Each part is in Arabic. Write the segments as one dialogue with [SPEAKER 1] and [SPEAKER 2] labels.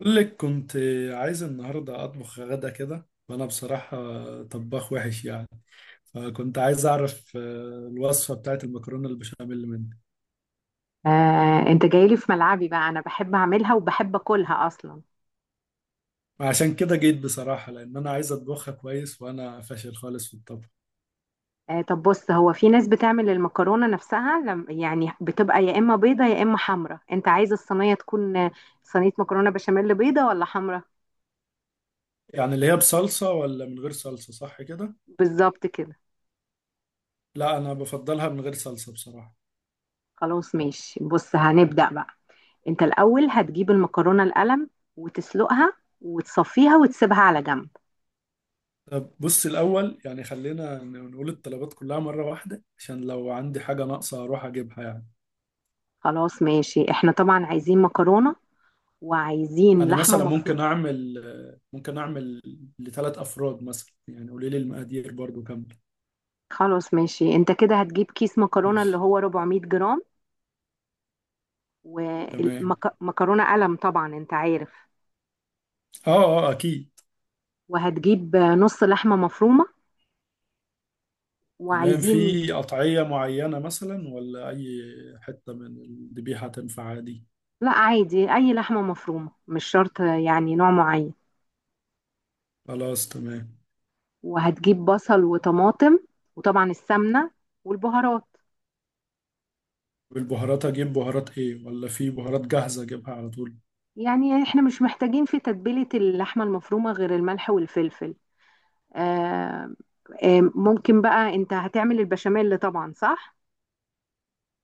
[SPEAKER 1] أقول لك كنت عايز النهاردة أطبخ غدا كده، وأنا بصراحة طباخ وحش يعني. فكنت عايز أعرف الوصفة بتاعت المكرونة البشاميل منك.
[SPEAKER 2] انت جايلي في ملعبي بقى، انا بحب اعملها وبحب اكلها اصلا.
[SPEAKER 1] عشان كده جيت بصراحة، لأن أنا عايز أطبخها كويس، وأنا فاشل خالص في الطبخ.
[SPEAKER 2] طب بص، هو في ناس بتعمل المكرونة نفسها لم يعني، بتبقى يا اما بيضة يا اما حمرا. انت عايز الصينية تكون صينية مكرونة بشاميل بيضة ولا حمرا؟
[SPEAKER 1] يعني اللي هي بصلصة ولا من غير صلصة، صح كده؟
[SPEAKER 2] بالظبط كده.
[SPEAKER 1] لا، أنا بفضلها من غير صلصة بصراحة.
[SPEAKER 2] خلاص ماشي، بص هنبدأ بقى. انت الاول هتجيب المكرونة القلم وتسلقها وتصفيها وتسيبها على جنب.
[SPEAKER 1] طب بص، الأول يعني خلينا نقول الطلبات كلها مرة واحدة عشان لو عندي حاجة ناقصة أروح أجيبها يعني.
[SPEAKER 2] خلاص ماشي، احنا طبعا عايزين مكرونة وعايزين
[SPEAKER 1] انا
[SPEAKER 2] لحمة
[SPEAKER 1] مثلا
[SPEAKER 2] مفرومة.
[SPEAKER 1] ممكن اعمل ل3 افراد مثلا، يعني قولي لي المقادير برضو كامله.
[SPEAKER 2] خلاص ماشي، انت كده هتجيب كيس مكرونة اللي
[SPEAKER 1] ماشي.
[SPEAKER 2] هو 400 جرام،
[SPEAKER 1] تمام.
[SPEAKER 2] ومكرونة قلم طبعا انت عارف،
[SPEAKER 1] اه اه، اكيد.
[SPEAKER 2] وهتجيب نص لحمة مفرومة
[SPEAKER 1] تمام.
[SPEAKER 2] وعايزين.
[SPEAKER 1] في قطعيه معينه مثلا ولا اي حته من الذبيحه تنفع عادي؟
[SPEAKER 2] لا عادي، اي لحمة مفرومة مش شرط يعني نوع معين.
[SPEAKER 1] خلاص، تمام.
[SPEAKER 2] وهتجيب بصل وطماطم، وطبعا السمنة والبهارات.
[SPEAKER 1] والبهارات اجيب بهارات ايه، ولا في بهارات جاهزه اجيبها على طول؟
[SPEAKER 2] يعني احنا مش محتاجين في تتبيلة اللحمة المفرومة غير الملح والفلفل. آه. آه، ممكن بقى، انت هتعمل البشاميل طبعا صح؟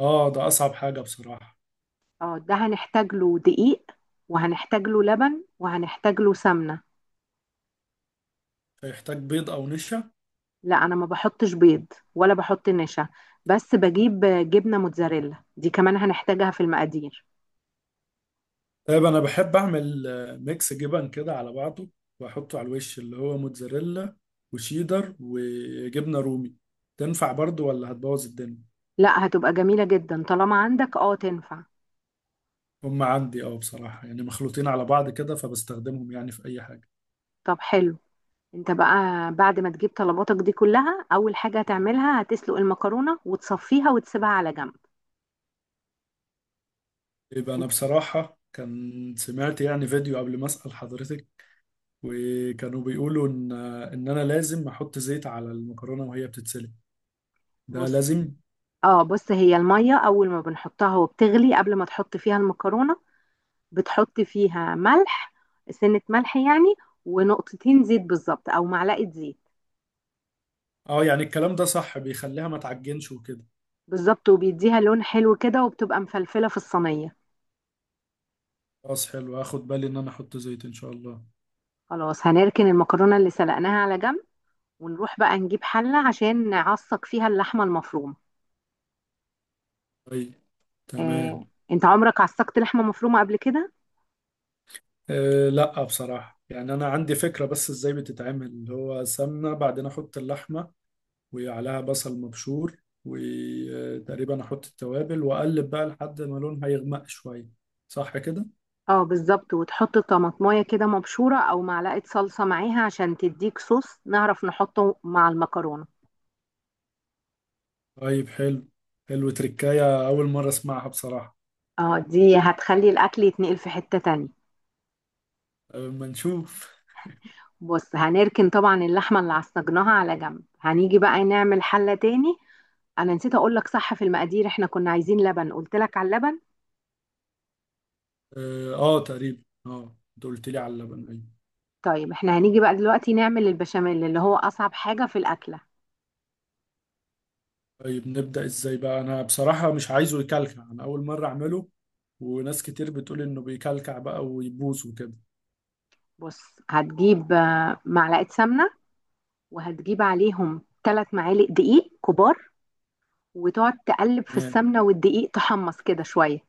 [SPEAKER 1] اه، ده اصعب حاجه بصراحه.
[SPEAKER 2] اه، ده هنحتاج له دقيق وهنحتاج له لبن وهنحتاج له سمنة.
[SPEAKER 1] هيحتاج بيض او نشا؟
[SPEAKER 2] لا انا ما بحطش بيض ولا بحط نشا. بس بجيب جبنة موتزاريلا دي كمان هنحتاجها في المقادير.
[SPEAKER 1] طيب انا بحب اعمل ميكس جبن كده على بعضه، واحطه على الوش اللي هو موتزاريلا وشيدر وجبنه رومي. تنفع برضو ولا هتبوظ الدنيا؟
[SPEAKER 2] لا هتبقى جميلة جدا، طالما عندك تنفع.
[SPEAKER 1] هم عندي اه بصراحه، يعني مخلوطين على بعض كده فبستخدمهم يعني في اي حاجه.
[SPEAKER 2] طب حلو. انت بقى بعد ما تجيب طلباتك دي كلها، اول حاجة هتعملها هتسلق المكرونة وتصفيها وتسيبها على جنب.
[SPEAKER 1] يبقى انا
[SPEAKER 2] انت،
[SPEAKER 1] بصراحه كان سمعت يعني فيديو قبل ما اسال حضرتك، وكانوا بيقولوا ان انا لازم احط زيت على المكرونه وهي بتتسلق. ده
[SPEAKER 2] بص.
[SPEAKER 1] لازم؟
[SPEAKER 2] اه بص، هي المية اول ما بنحطها وبتغلي قبل ما تحط فيها المكرونة بتحط فيها ملح. سنة ملح يعني. ونقطتين زيت بالظبط، او معلقة زيت.
[SPEAKER 1] اه، يعني الكلام ده صح، بيخليها ما تعجنش وكده؟
[SPEAKER 2] بالظبط، وبيديها لون حلو كده وبتبقى مفلفلة في الصينية.
[SPEAKER 1] خلاص حلو، هاخد بالي ان انا احط زيت ان شاء الله.
[SPEAKER 2] خلاص هنركن المكرونة اللي سلقناها على جنب. ونروح بقى نجيب حلة عشان نعصق فيها اللحمة المفرومة.
[SPEAKER 1] طيب.
[SPEAKER 2] آه،
[SPEAKER 1] تمام.
[SPEAKER 2] انت عمرك عصقت لحمة مفرومة قبل كده؟
[SPEAKER 1] أه لا بصراحة، يعني أنا عندي فكرة بس إزاي بتتعمل، اللي هو سمنة بعدين أحط اللحمة، وعليها بصل مبشور، وتقريبا أحط التوابل وأقلب بقى لحد ما لونها يغمق شوية. صح كده؟
[SPEAKER 2] اه بالظبط، وتحط طماطمايه كده مبشورة او معلقة صلصة معاها عشان تديك صوص نعرف نحطه مع المكرونة.
[SPEAKER 1] طيب حلو. حلو، تركاية أول مرة أسمعها بصراحة.
[SPEAKER 2] اه دي هتخلي الاكل يتنقل في حتة تانية.
[SPEAKER 1] أه، ما نشوف.
[SPEAKER 2] بص هنركن طبعا اللحمة اللي عصجناها على جنب، هنيجي بقى نعمل حلة تاني. انا نسيت اقول لك صح في المقادير، احنا كنا عايزين لبن، قلت لك على اللبن.
[SPEAKER 1] أه، تقريبا أنت قلت لي على اللبن، أيوة.
[SPEAKER 2] طيب احنا هنيجي بقى دلوقتي نعمل البشاميل اللي هو اصعب حاجة في الاكلة.
[SPEAKER 1] طيب، نبدأ ازاي بقى؟ انا بصراحة مش عايزه يكلكع، انا اول مرة اعمله، وناس كتير بتقول انه بيكلكع بقى ويبوظ وكده.
[SPEAKER 2] بص هتجيب معلقة سمنة. وهتجيب عليهم 3 معالق دقيق كبار. وتقعد تقلب في
[SPEAKER 1] تمام.
[SPEAKER 2] السمنة والدقيق تحمص كده شوية.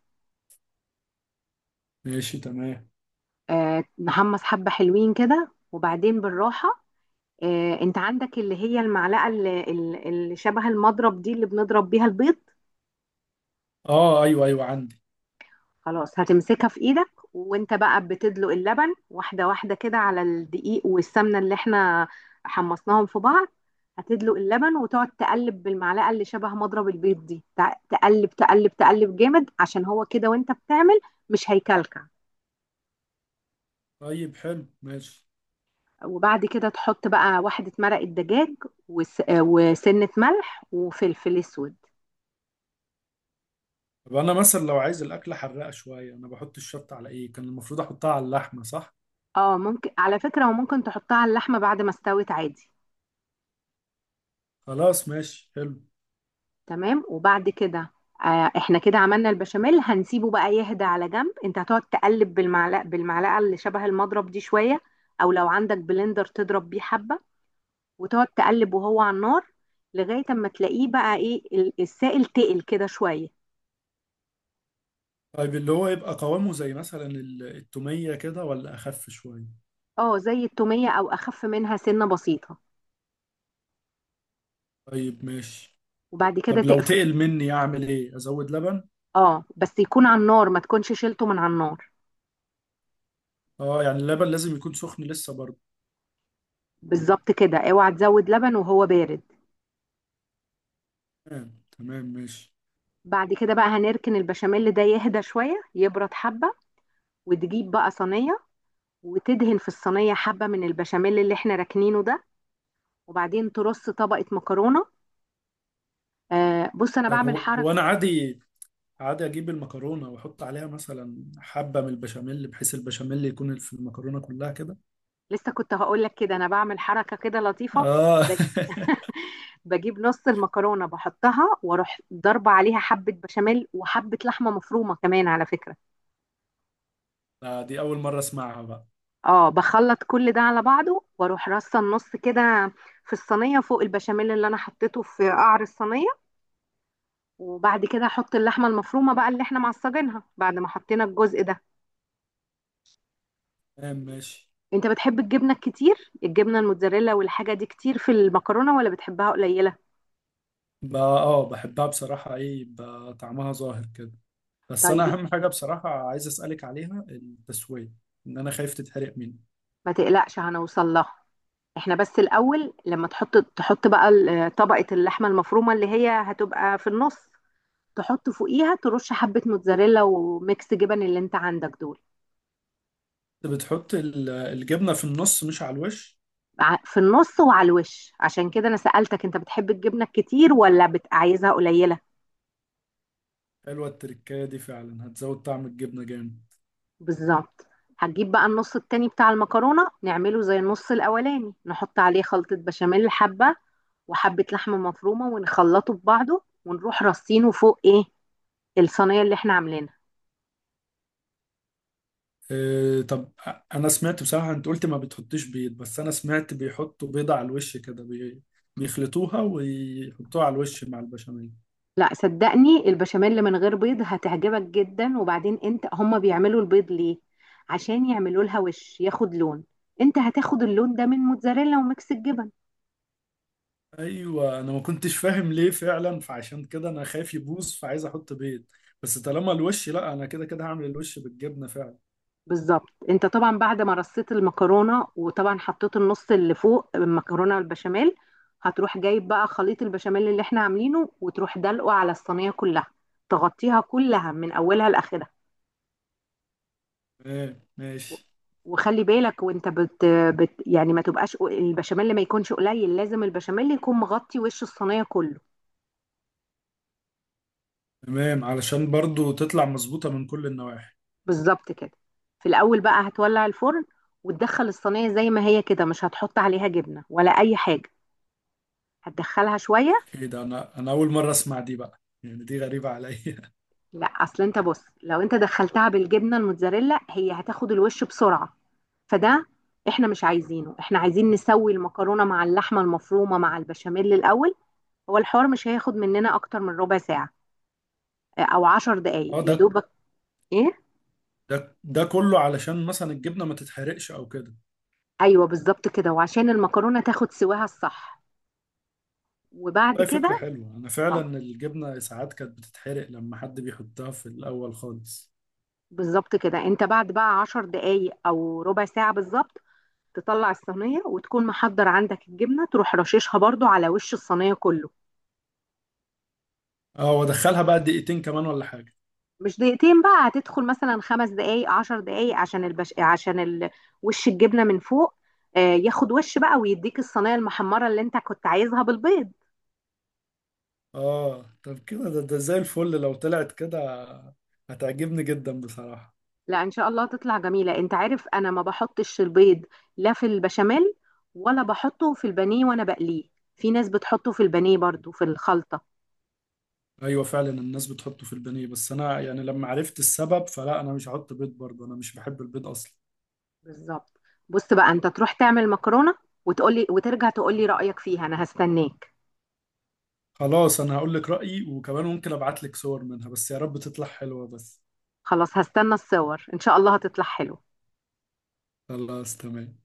[SPEAKER 1] ماشي، تمام.
[SPEAKER 2] نحمص حبة حلوين كده، وبعدين بالراحة. انت عندك اللي هي المعلقه اللي شبه المضرب دي، اللي بنضرب بيها البيض.
[SPEAKER 1] اه، ايوه ايوه، عندي.
[SPEAKER 2] خلاص هتمسكها في ايدك، وانت بقى بتدلق اللبن واحده واحده كده على الدقيق والسمنه اللي احنا حمصناهم في بعض. هتدلق اللبن وتقعد تقلب بالمعلقه اللي شبه مضرب البيض دي، تقلب تقلب تقلب جامد، عشان هو كده وانت بتعمل مش هيكلكع.
[SPEAKER 1] طيب حلو، ماشي.
[SPEAKER 2] وبعد كده تحط بقى واحده مرق الدجاج، وسنه ملح وفلفل اسود.
[SPEAKER 1] طب انا مثلا لو عايز الاكلة حراقة شوية، انا بحط الشطة على ايه؟ كان المفروض احطها على اللحمة صح؟
[SPEAKER 2] اه ممكن على فكرة، وممكن تحطها على اللحمة بعد ما استوت عادي.
[SPEAKER 1] خلاص ماشي، حلو.
[SPEAKER 2] تمام، وبعد كده احنا كده عملنا البشاميل. هنسيبه بقى يهدى على جنب، انت هتقعد تقلب بالمعلقة اللي شبه المضرب دي شوية، او لو عندك بلندر تضرب بيه حبة. وتقعد تقلب وهو على النار، لغاية اما تلاقيه بقى ايه، السائل تقل كده شوية.
[SPEAKER 1] طيب اللي هو يبقى قوامه زي مثلا التومية كده، ولا اخف شوية؟
[SPEAKER 2] اه زي التومية او اخف منها سنة بسيطة.
[SPEAKER 1] طيب ماشي.
[SPEAKER 2] وبعد كده
[SPEAKER 1] طب لو
[SPEAKER 2] تقفل.
[SPEAKER 1] تقل مني اعمل ايه، ازود لبن؟
[SPEAKER 2] اه بس يكون على النار، ما تكونش شيلته من على النار.
[SPEAKER 1] اه يعني اللبن لازم يكون سخن لسه برضه؟
[SPEAKER 2] بالظبط كده، اوعى تزود لبن وهو بارد.
[SPEAKER 1] تمام تمام، ماشي.
[SPEAKER 2] بعد كده بقى هنركن البشاميل ده يهدى شوية يبرد حبة. وتجيب بقى صينية، وتدهن في الصينية حبة من البشاميل اللي احنا راكنينه ده. وبعدين ترص طبقة مكرونة. بص انا
[SPEAKER 1] طيب،
[SPEAKER 2] بعمل
[SPEAKER 1] هو هو
[SPEAKER 2] حركة.
[SPEAKER 1] انا عادي اجيب المكرونه واحط عليها مثلا حبه من البشاميل، بحيث البشاميل يكون في المكرونه كلها كده؟
[SPEAKER 2] لسه كنت هقول لك كده، انا بعمل حركة كده لطيفة.
[SPEAKER 1] اه.
[SPEAKER 2] ب- بجيب نص المكرونة بحطها، واروح ضربة عليها حبة بشاميل وحبة لحمة مفرومة كمان على فكرة.
[SPEAKER 1] دي اول مره اسمعها بقى.
[SPEAKER 2] اه بخلط كل ده على بعضه واروح رصة النص كده في الصينية فوق البشاميل اللي انا حطيته في قعر الصينية. وبعد كده احط اللحمه المفرومه بقى اللي احنا معصجينها، بعد ما حطينا الجزء ده.
[SPEAKER 1] تمام ماشي.
[SPEAKER 2] انت بتحب الجبنه الكتير، الجبنه الموتزاريلا والحاجه دي كتير في المكرونه، ولا بتحبها قليله؟
[SPEAKER 1] بقى اه، بحبها بصراحه، ايه بقى طعمها ظاهر كده. بس انا
[SPEAKER 2] طيب
[SPEAKER 1] اهم حاجه بصراحه عايز اسالك عليها التسويه، ان انا خايف تتحرق مني.
[SPEAKER 2] ما تقلقش، هنوصل لها. احنا بس الاول لما تحط بقى طبقه اللحمه المفرومه اللي هي هتبقى في النص، تحط فوقيها ترش حبه موتزاريلا وميكس جبن اللي انت عندك دول.
[SPEAKER 1] انت بتحط الجبنه في النص مش على الوش؟
[SPEAKER 2] في النص وعلى الوش، عشان كده انا سألتك انت بتحب الجبنه الكتير ولا عايزها قليله.
[SPEAKER 1] حلوه التركايه دي، فعلا هتزود طعم الجبنه جامد.
[SPEAKER 2] بالظبط. هتجيب بقى النص التاني بتاع المكرونة نعمله زي النص الأولاني، نحط عليه خلطة بشاميل حبة وحبة لحمة مفرومة، ونخلطه ببعضه ونروح رصينه فوق ايه، الصينية اللي احنا عاملينها.
[SPEAKER 1] إيه، طب. انا سمعت بصراحة انت قلت ما بتحطيش بيض، بس انا سمعت بيحطوا بيضة على الوش كده بيخلطوها ويحطوها على الوش مع البشاميل.
[SPEAKER 2] لا صدقني البشاميل من غير بيض هتعجبك جدا. وبعدين انت، هما بيعملوا البيض ليه؟ عشان يعملوا لها وش ياخد لون. انت هتاخد اللون ده من موتزاريلا وميكس الجبن.
[SPEAKER 1] ايوه انا ما كنتش فاهم ليه فعلا، فعشان كده انا خايف يبوظ فعايز احط بيض. بس طالما الوش، لا انا كده كده هعمل الوش بالجبنة فعلا.
[SPEAKER 2] بالظبط، انت طبعا بعد ما رصيت المكرونه وطبعا حطيت النص اللي فوق المكرونه والبشاميل، هتروح جايب بقى خليط البشاميل اللي احنا عاملينه وتروح دلقه على الصينيه كلها، تغطيها كلها من اولها لاخرها.
[SPEAKER 1] تمام ماشي.
[SPEAKER 2] وخلي بالك وانت بت, بت يعني ما تبقاش البشاميل ما يكونش قليل، لازم البشاميل يكون مغطي وش الصينيه كله.
[SPEAKER 1] تمام، علشان برضو تطلع مظبوطة من كل النواحي.
[SPEAKER 2] بالظبط كده. في الاول بقى هتولع الفرن وتدخل الصينيه زي ما هي كده، مش هتحط عليها جبنه ولا اي حاجه، هتدخلها شويه.
[SPEAKER 1] ايه ده، انا اول مرة اسمع دي بقى، يعني دي غريبة عليا.
[SPEAKER 2] لا اصل انت بص، لو انت دخلتها بالجبنه الموتزاريلا هي هتاخد الوش بسرعه، فده احنا مش عايزينه، احنا عايزين نسوي المكرونه مع اللحمه المفرومه مع البشاميل الاول. هو الحوار مش هياخد مننا اكتر من ربع ساعه، او 10 دقايق
[SPEAKER 1] اه،
[SPEAKER 2] يا
[SPEAKER 1] ده
[SPEAKER 2] دوبك. ايه.
[SPEAKER 1] ده ده كله علشان مثلا الجبنة ما تتحرقش او كده؟
[SPEAKER 2] ايوه بالظبط كده، وعشان المكرونه تاخد سواها الصح. وبعد
[SPEAKER 1] لا،
[SPEAKER 2] كده
[SPEAKER 1] فكرة حلوة، أنا
[SPEAKER 2] اه
[SPEAKER 1] فعلا الجبنة ساعات كانت بتتحرق لما حد بيحطها في الأول خالص.
[SPEAKER 2] بالظبط كده، انت بعد بقى 10 دقايق او ربع ساعه بالظبط تطلع الصينيه، وتكون محضر عندك الجبنه تروح رششها برضو على وش الصينيه كله.
[SPEAKER 1] اه، وأدخلها بقى دقيقتين كمان ولا حاجة؟
[SPEAKER 2] مش دقيقتين بقى، هتدخل مثلا 5 دقايق 10 دقايق عشان وش الجبنه من فوق، ياخد وش بقى، ويديك الصينيه المحمره اللي انت كنت عايزها بالبيض.
[SPEAKER 1] اه. طب كده ده زي الفل لو طلعت كده، هتعجبني جدا بصراحة.
[SPEAKER 2] لا ان شاء الله تطلع جميله، انت عارف انا ما بحطش البيض، لا في البشاميل ولا بحطه في البانيه وانا بقليه. في ناس بتحطه في البانيه برضو في الخلطه.
[SPEAKER 1] أيوة فعلا، الناس بتحطه في البانيه، بس أنا يعني لما عرفت السبب فلا، أنا مش هحط بيض برضه، أنا مش بحب البيض أصلا.
[SPEAKER 2] بالظبط. بص بقى انت تروح تعمل مكرونه وتقولي وترجع تقولي رايك فيها، انا هستناك.
[SPEAKER 1] خلاص، أنا هقول لك رأيي وكمان ممكن أبعت لك صور منها، بس يا رب تطلع حلوة بس.
[SPEAKER 2] خلاص هستنى الصور، ان شاء الله هتطلع حلوه.
[SPEAKER 1] خلاص تمام.